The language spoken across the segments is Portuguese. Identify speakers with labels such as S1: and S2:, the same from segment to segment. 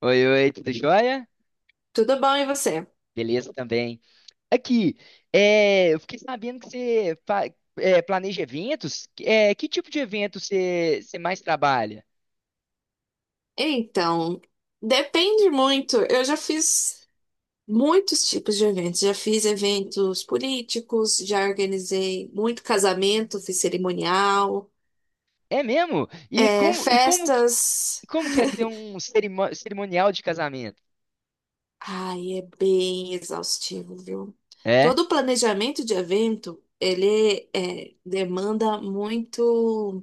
S1: Oi, oi, tudo jóia?
S2: Tudo bom, e você?
S1: Beleza também. Aqui, eu fiquei sabendo que você planeja eventos. Que tipo de evento você mais trabalha?
S2: Então, depende muito. Eu já fiz muitos tipos de eventos. Já fiz eventos políticos, já organizei muito casamento, fiz cerimonial,
S1: É mesmo? E como, e como, que-
S2: festas.
S1: como que é ser um cerimonial de casamento?
S2: Ai, é bem exaustivo, viu?
S1: É?
S2: Todo o planejamento de evento, ele demanda muito,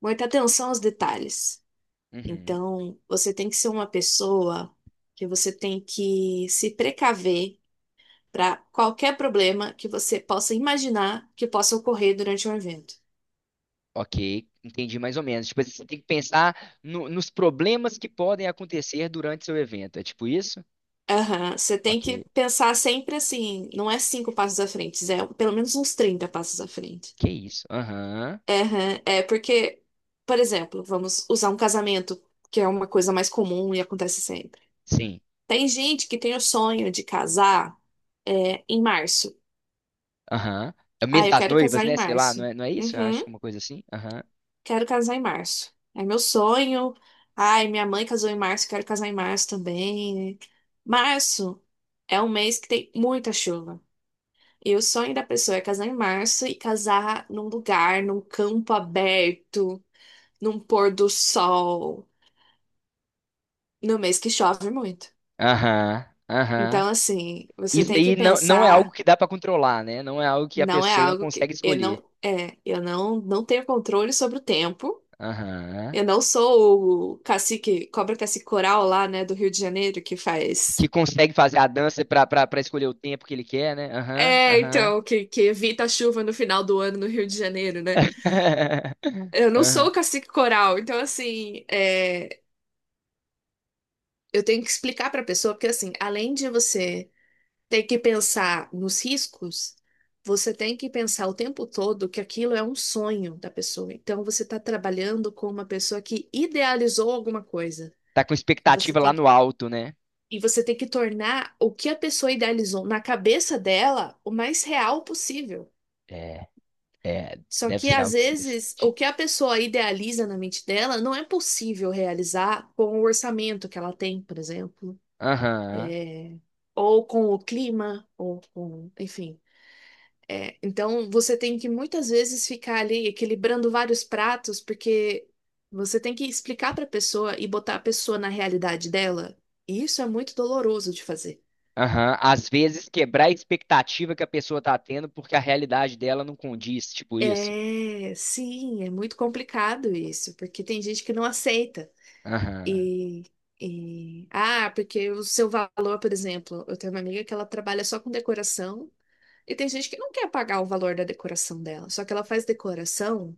S2: muita atenção aos detalhes.
S1: Uhum.
S2: Então, você tem que ser uma pessoa que você tem que se precaver para qualquer problema que você possa imaginar que possa ocorrer durante um evento.
S1: Ok, entendi mais ou menos. Tipo, você tem que pensar nos problemas que podem acontecer durante seu evento. É tipo isso?
S2: Aham, você tem
S1: Ok.
S2: que pensar sempre assim, não é cinco passos à frente, é pelo menos uns 30 passos à frente.
S1: Que isso? Aham.
S2: Aham, é porque, por exemplo, vamos usar um casamento, que é uma coisa mais comum e acontece sempre.
S1: Sim.
S2: Tem gente que tem o sonho de casar em março.
S1: Aham. É o
S2: Ah,
S1: mês
S2: eu
S1: das
S2: quero
S1: noivas,
S2: casar em
S1: né? Sei lá, não
S2: março.
S1: é, não é isso? Eu acho que é
S2: Uhum.
S1: uma coisa assim. Aham.
S2: Quero casar em março. É meu sonho. Ai, minha mãe casou em março, quero casar em março também. Março é um mês que tem muita chuva. E o sonho da pessoa é casar em março e casar num lugar, num campo aberto, num pôr do sol, no mês que chove muito.
S1: Aham. Aham.
S2: Então, assim, você
S1: Isso
S2: tem que
S1: aí não, não é algo
S2: pensar,
S1: que dá pra controlar, né? Não é algo que a
S2: não é
S1: pessoa
S2: algo que
S1: consegue
S2: eu
S1: escolher.
S2: não, é, eu não, não tenho controle sobre o tempo.
S1: Aham.
S2: Eu não sou o cacique, cobra cacique coral lá, né, do Rio de Janeiro, que faz.
S1: Que consegue fazer a dança pra escolher o tempo que ele quer, né? Aham.
S2: É,
S1: Aham.
S2: então, que evita a chuva no final do ano no Rio de Janeiro, né? Eu não sou
S1: Aham.
S2: o cacique coral, então, assim, eu tenho que explicar pra pessoa, porque, assim, além de você ter que pensar nos riscos, você tem que pensar o tempo todo que aquilo é um sonho da pessoa. Então, você tá trabalhando com uma pessoa que idealizou alguma coisa.
S1: Tá com
S2: E você
S1: expectativa lá
S2: tem
S1: no alto, né?
S2: E você tem que tornar o que a pessoa idealizou na cabeça dela o mais real possível.
S1: É, é,
S2: Só
S1: deve
S2: que
S1: ser
S2: às
S1: algo
S2: vezes o
S1: estressante.
S2: que a pessoa idealiza na mente dela não é possível realizar com o orçamento que ela tem, por exemplo,
S1: Aham,
S2: é, ou com o clima, ou com, enfim. É, então você tem que muitas vezes ficar ali equilibrando vários pratos, porque você tem que explicar para a pessoa e botar a pessoa na realidade dela. E isso é muito doloroso de fazer.
S1: aham. Às vezes quebrar a expectativa que a pessoa tá tendo porque a realidade dela não condiz, tipo isso.
S2: É, sim, é muito complicado isso, porque tem gente que não aceita.
S1: Aham.
S2: E, ah, porque o seu valor, por exemplo, eu tenho uma amiga que ela trabalha só com decoração, e tem gente que não quer pagar o valor da decoração dela, só que ela faz decoração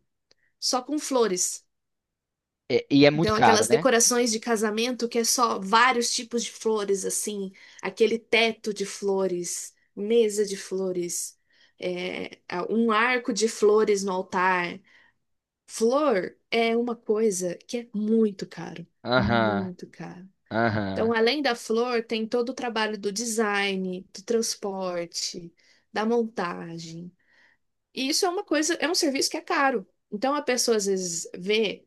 S2: só com flores.
S1: É, e é muito
S2: Então,
S1: caro,
S2: aquelas
S1: né?
S2: decorações de casamento que é só vários tipos de flores, assim, aquele teto de flores, mesa de flores, é, um arco de flores no altar. Flor é uma coisa que é muito caro,
S1: Aham.
S2: muito caro. Então,
S1: Aham.
S2: além da flor, tem todo o trabalho do design, do transporte, da montagem. E isso é uma coisa, é um serviço que é caro. Então, a pessoa às vezes vê,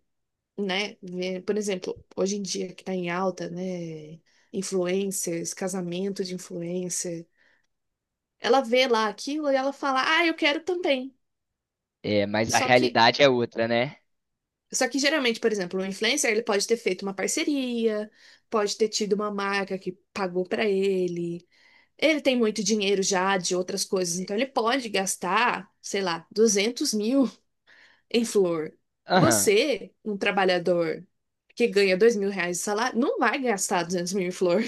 S2: né, vê, por exemplo, hoje em dia que está em alta, né, influencers, casamento de influencer, ela vê lá aquilo e ela fala, ah, eu quero também.
S1: É, mas a
S2: Só que
S1: realidade é outra, né?
S2: Só que geralmente, por exemplo, o influencer ele pode ter feito uma parceria, pode ter tido uma marca que pagou pra ele. Ele tem muito dinheiro já de outras coisas, então ele pode gastar, sei lá, 200.000 em flor.
S1: Aham.
S2: Você, um trabalhador que ganha R$ 2.000 de salário, não vai gastar 200.000 em flor.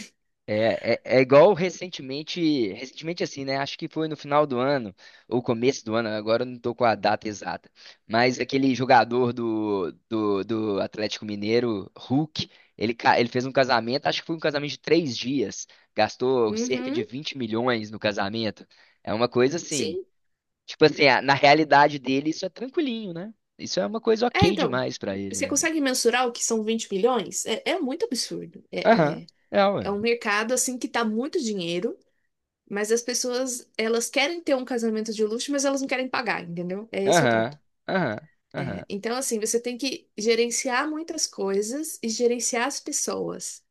S1: Igual recentemente assim, né? Acho que foi no final do ano, ou começo do ano, agora eu não tô com a data exata. Mas aquele jogador do Atlético Mineiro, Hulk, ele fez um casamento, acho que foi um casamento de 3 dias, gastou cerca de
S2: Uhum,
S1: 20 milhões no casamento. É uma coisa assim.
S2: sim.
S1: Tipo assim, ah, na realidade dele, isso é tranquilinho, né? Isso é uma coisa
S2: É,
S1: ok
S2: então,
S1: demais pra ele,
S2: você
S1: né?
S2: consegue mensurar o que são 20 milhões? É, é muito absurdo.
S1: Aham,
S2: É, é, é
S1: mano.
S2: um mercado, assim, que tá muito dinheiro. Mas as pessoas, elas querem ter um casamento de luxo, mas elas não querem pagar, entendeu? É esse o ponto.
S1: Aham, aham, aham.
S2: É, então, assim, você tem que gerenciar muitas coisas e gerenciar as pessoas.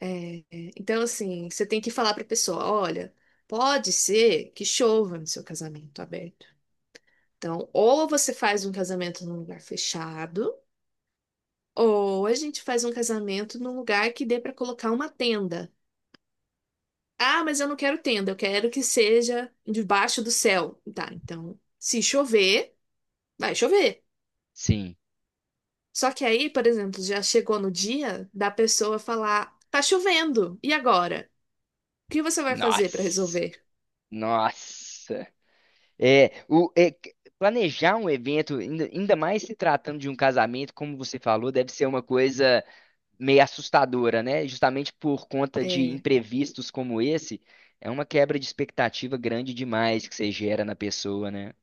S2: É, é, então, assim, você tem que falar para a pessoa: olha, pode ser que chova no seu casamento aberto. Então, ou você faz um casamento num lugar fechado, ou a gente faz um casamento num lugar que dê para colocar uma tenda. Ah, mas eu não quero tenda, eu quero que seja debaixo do céu. Tá, então, se chover, vai chover.
S1: Sim.
S2: Só que aí, por exemplo, já chegou no dia da pessoa falar: tá chovendo, e agora? O que você vai fazer para
S1: Nossa,
S2: resolver?
S1: nossa. Planejar um evento, ainda mais se tratando de um casamento, como você falou, deve ser uma coisa meio assustadora, né? Justamente por conta de
S2: É.
S1: imprevistos como esse, é uma quebra de expectativa grande demais que você gera na pessoa, né?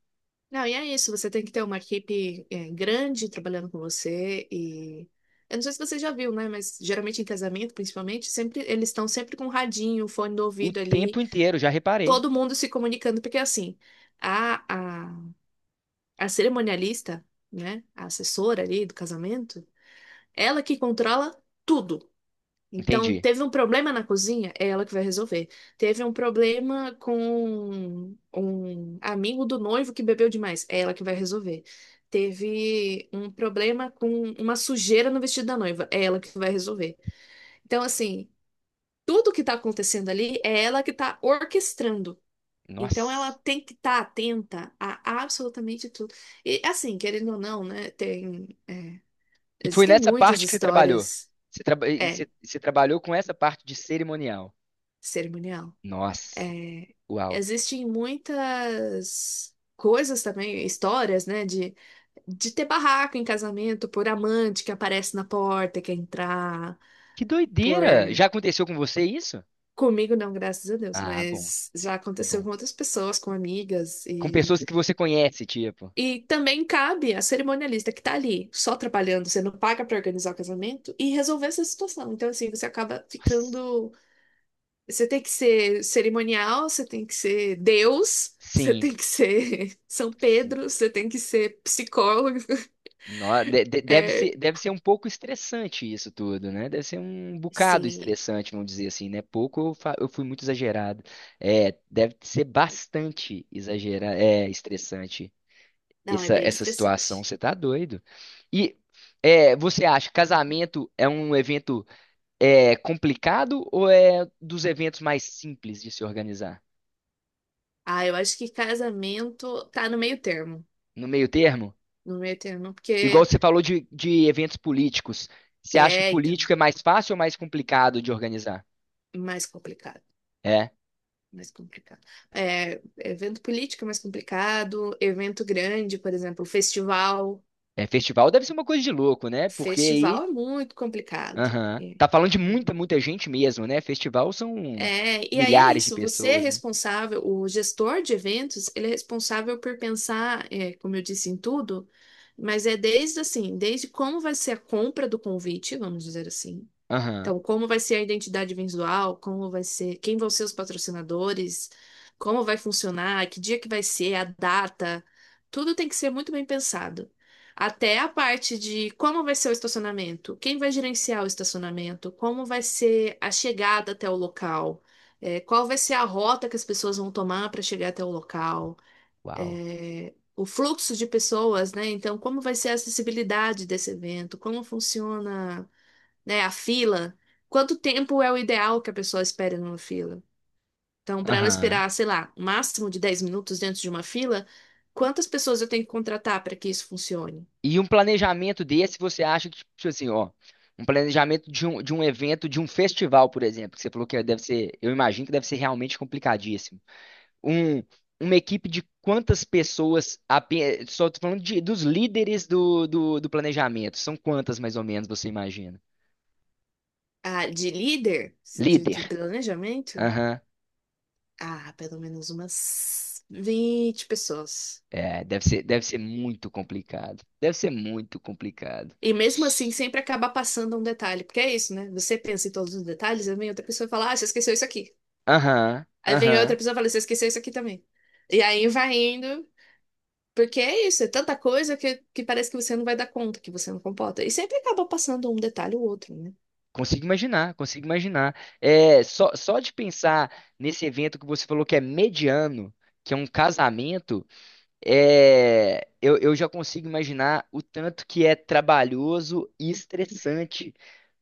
S2: Não, e é isso, você tem que ter uma equipe grande trabalhando com você e. Eu não sei se você já viu, né? Mas geralmente em casamento, principalmente, sempre eles estão sempre com um radinho, fone do
S1: O
S2: ouvido ali,
S1: tempo inteiro, já reparei.
S2: todo mundo se comunicando, porque é assim. A, a a cerimonialista, né, a assessora ali do casamento, ela que controla tudo. Então,
S1: Entendi.
S2: teve um problema na cozinha, é ela que vai resolver. Teve um problema com um amigo do noivo que bebeu demais, é ela que vai resolver. Teve um problema com uma sujeira no vestido da noiva, é ela que vai resolver. Então, assim, tudo que tá acontecendo ali é ela que tá orquestrando. Então ela
S1: Nossa.
S2: tem que estar atenta a absolutamente tudo. E assim, querendo ou não, né?
S1: E foi
S2: Existem
S1: nessa
S2: muitas
S1: parte que você trabalhou.
S2: histórias,
S1: Você, traba-
S2: é,
S1: e você trabalhou com essa parte de cerimonial.
S2: cerimonial.
S1: Nossa.
S2: É,
S1: Uau.
S2: existem muitas coisas também, histórias, né? De ter barraco em casamento por amante que aparece na porta, quer entrar,
S1: Que
S2: por
S1: doideira! Já aconteceu com você isso?
S2: comigo não, graças a Deus,
S1: Ah, bom.
S2: mas já
S1: Que
S2: aconteceu
S1: bom.
S2: com outras pessoas, com amigas.
S1: Com pessoas que você conhece, tipo.
S2: E também cabe à cerimonialista que tá ali, só trabalhando, você não paga pra organizar o casamento e resolver essa situação. Então, assim, você acaba
S1: Nossa.
S2: ficando. Você tem que ser cerimonial, você tem que ser Deus, você
S1: Sim.
S2: tem que ser São
S1: Sim.
S2: Pedro, você tem que ser psicólogo.
S1: No- de- de- Deve
S2: É,
S1: ser, deve ser um pouco estressante isso tudo, né? Deve ser um bocado
S2: sim,
S1: estressante, vamos dizer assim, né? Eu fui muito exagerado. Deve ser bastante exagerado, estressante
S2: não, é
S1: essa,
S2: bem
S1: essa situação,
S2: estressante.
S1: você tá doido. E você acha que casamento é um evento complicado ou é dos eventos mais simples de se organizar?
S2: Ah, eu acho que casamento tá no meio termo.
S1: No meio termo?
S2: No meio termo,
S1: Igual
S2: porque
S1: você falou de eventos políticos. Você acha que
S2: então,
S1: político é mais fácil ou mais complicado de organizar?
S2: mais complicado.
S1: É.
S2: Mais complicado. É, evento político é mais complicado, evento grande, por exemplo, festival.
S1: É, festival deve ser uma coisa de louco, né? Porque aí.
S2: Festival é muito complicado.
S1: Aham.
S2: É,
S1: Tá falando de muita,
S2: é.
S1: muita gente mesmo, né? Festival são
S2: É, e aí é
S1: milhares de
S2: isso, você é
S1: pessoas, né?
S2: responsável, o gestor de eventos, ele é responsável por pensar, como eu disse, em tudo, mas é desde assim, desde como vai ser a compra do convite, vamos dizer assim.
S1: Aham.
S2: Então, como vai ser a identidade visual, como vai ser, quem vão ser os patrocinadores, como vai funcionar, que dia que vai ser, a data, tudo tem que ser muito bem pensado. Até a parte de como vai ser o estacionamento, quem vai gerenciar o estacionamento, como vai ser a chegada até o local, qual vai ser a rota que as pessoas vão tomar para chegar até o local,
S1: Uau.
S2: o fluxo de pessoas, né? Então, como vai ser a acessibilidade desse evento, como funciona, né? A fila. Quanto tempo é o ideal que a pessoa espere numa fila? Então, para ela
S1: Aham.
S2: esperar, sei lá, um máximo de 10 minutos dentro de uma fila, quantas pessoas eu tenho que contratar para que isso funcione?
S1: E um planejamento desse, você acha que, tipo assim, ó, um planejamento de um evento, de um festival, por exemplo, que você falou que deve ser, eu imagino que deve ser realmente complicadíssimo. Um, uma equipe de quantas pessoas, só tô falando dos líderes do planejamento, são quantas mais ou menos você imagina?
S2: Ah, de líder? De,
S1: Líder,
S2: de planejamento?
S1: aham,
S2: Ah, pelo menos umas 20 pessoas.
S1: É, deve ser muito complicado, deve ser muito complicado.
S2: E mesmo assim, sempre acaba passando um detalhe, porque é isso, né? Você pensa em todos os detalhes, aí vem outra pessoa e fala, ah, você esqueceu isso aqui.
S1: Aham,
S2: Aí vem outra
S1: aham.
S2: pessoa e fala, você esqueceu isso aqui também. E aí vai indo. Porque é isso, é tanta coisa que parece que você não vai dar conta, que você não comporta. E sempre acaba passando um detalhe ou outro, né?
S1: Consigo imaginar, consigo imaginar. É, só de pensar nesse evento que você falou que é mediano, que é um casamento, eu já consigo imaginar o tanto que é trabalhoso e estressante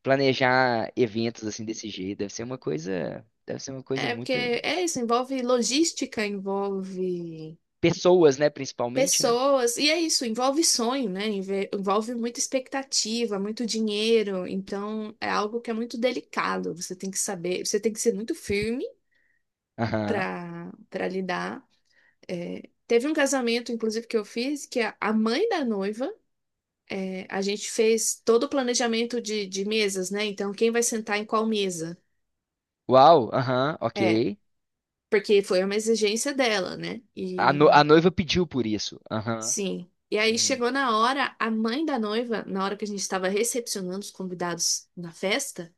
S1: planejar eventos assim desse jeito. Deve ser uma coisa, deve ser uma coisa
S2: É porque
S1: muito.
S2: é isso, envolve logística, envolve
S1: Pessoas, né, principalmente, né?
S2: pessoas, e é isso, envolve sonho, né? Envolve muita expectativa, muito dinheiro. Então é algo que é muito delicado. Você tem que saber, você tem que ser muito firme
S1: Aham.
S2: para lidar. É, teve um casamento, inclusive, que eu fiz, que a mãe da noiva. A gente fez todo o planejamento de mesas, né? Então, quem vai sentar em qual mesa?
S1: Uau, aham, ok.
S2: É, porque foi uma exigência dela, né?
S1: A, no- a
S2: E
S1: noiva pediu por isso. Aham.
S2: sim. E aí
S1: Uhum.
S2: chegou na hora, a mãe da noiva, na hora que a gente estava recepcionando os convidados na festa,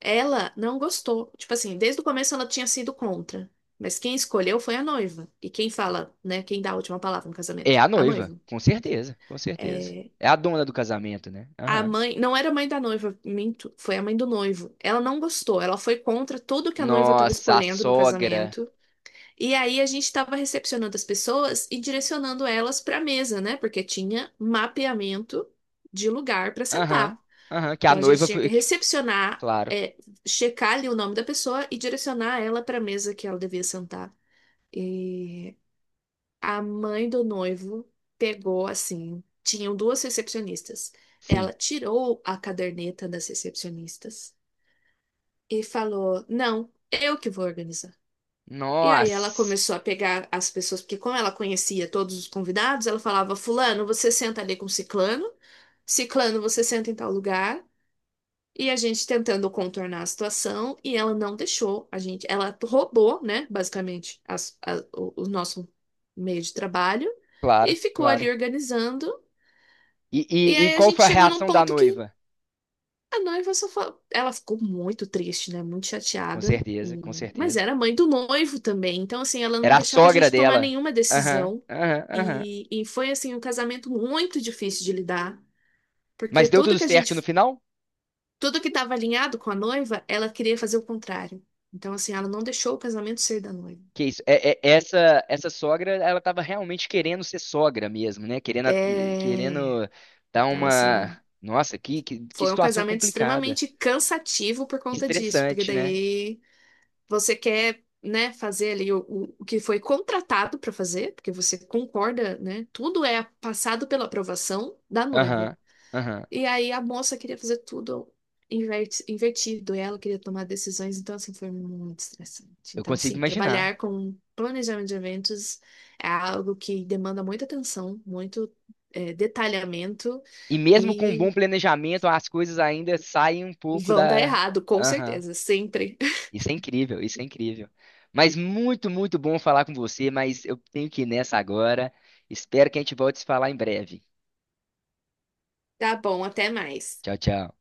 S2: ela não gostou. Tipo assim, desde o começo ela tinha sido contra. Mas quem escolheu foi a noiva. E quem fala, né? Quem dá a última palavra no
S1: É
S2: casamento?
S1: a
S2: A
S1: noiva,
S2: noiva.
S1: com certeza, com certeza.
S2: É,
S1: É a dona do casamento, né?
S2: a
S1: Aham.
S2: mãe, não era a mãe da noiva, minto, foi a mãe do noivo. Ela não gostou, ela foi contra tudo que a noiva estava
S1: Nossa, a
S2: escolhendo no
S1: sogra.
S2: casamento. E aí a gente estava recepcionando as pessoas e direcionando elas para a mesa, né? Porque tinha mapeamento de lugar para
S1: Aham,
S2: sentar.
S1: aham, que a
S2: Então a gente
S1: noiva
S2: tinha que
S1: foi.
S2: recepcionar,
S1: Claro,
S2: checar ali o nome da pessoa e direcionar ela para a mesa que ela devia sentar. E a mãe do noivo pegou assim, tinham duas recepcionistas.
S1: sim.
S2: Ela tirou a caderneta das recepcionistas e falou: "Não, eu que vou organizar". E aí ela
S1: Nossa,
S2: começou a pegar as pessoas, porque como ela conhecia todos os convidados, ela falava: "Fulano, você senta ali com ciclano, ciclano, você senta em tal lugar". E a gente tentando contornar a situação e ela não deixou a gente. Ela roubou, né, basicamente, o nosso meio de trabalho e
S1: claro,
S2: ficou ali
S1: claro.
S2: organizando.
S1: E,
S2: E
S1: e, e
S2: aí a
S1: qual
S2: gente
S1: foi a
S2: chegou num
S1: reação da
S2: ponto que
S1: noiva?
S2: a noiva só falou. Ela ficou muito triste, né, muito
S1: Com
S2: chateada.
S1: certeza, com
S2: Mas
S1: certeza.
S2: era mãe do noivo também, então assim, ela não
S1: Era a
S2: deixava a
S1: sogra
S2: gente tomar
S1: dela.
S2: nenhuma
S1: Aham,
S2: decisão.
S1: aham, aham.
S2: E foi assim um casamento muito difícil de lidar, porque
S1: Mas deu
S2: tudo
S1: tudo
S2: que a gente
S1: certo no final?
S2: Tudo que estava alinhado com a noiva, ela queria fazer o contrário. Então, assim, ela não deixou o casamento ser da noiva.
S1: Que isso? Essa sogra, ela estava realmente querendo ser sogra mesmo, né? Querendo a-
S2: É.
S1: querendo dar
S2: Então,
S1: uma.
S2: assim,
S1: Nossa, que
S2: foi um
S1: situação
S2: casamento
S1: complicada,
S2: extremamente cansativo por conta disso, porque
S1: estressante, né?
S2: daí você quer, né, fazer ali o que foi contratado para fazer, porque você concorda, né? Tudo é passado pela aprovação da noiva.
S1: Aham. Aham.
S2: E aí a moça queria fazer tudo invertido, e ela queria tomar decisões, então assim foi muito estressante.
S1: Eu
S2: Então,
S1: consigo
S2: sim,
S1: imaginar.
S2: trabalhar com planejamento de eventos é algo que demanda muita atenção, muito detalhamento
S1: E mesmo com um
S2: e
S1: bom planejamento, as coisas ainda saem um pouco
S2: vão dar
S1: da.
S2: errado, com
S1: Aham.
S2: certeza, sempre.
S1: Isso é incrível, isso é incrível. Mas muito, muito bom falar com você, mas eu tenho que ir nessa agora. Espero que a gente volte a se falar em breve.
S2: Tá bom, até mais.
S1: Tchau, tchau.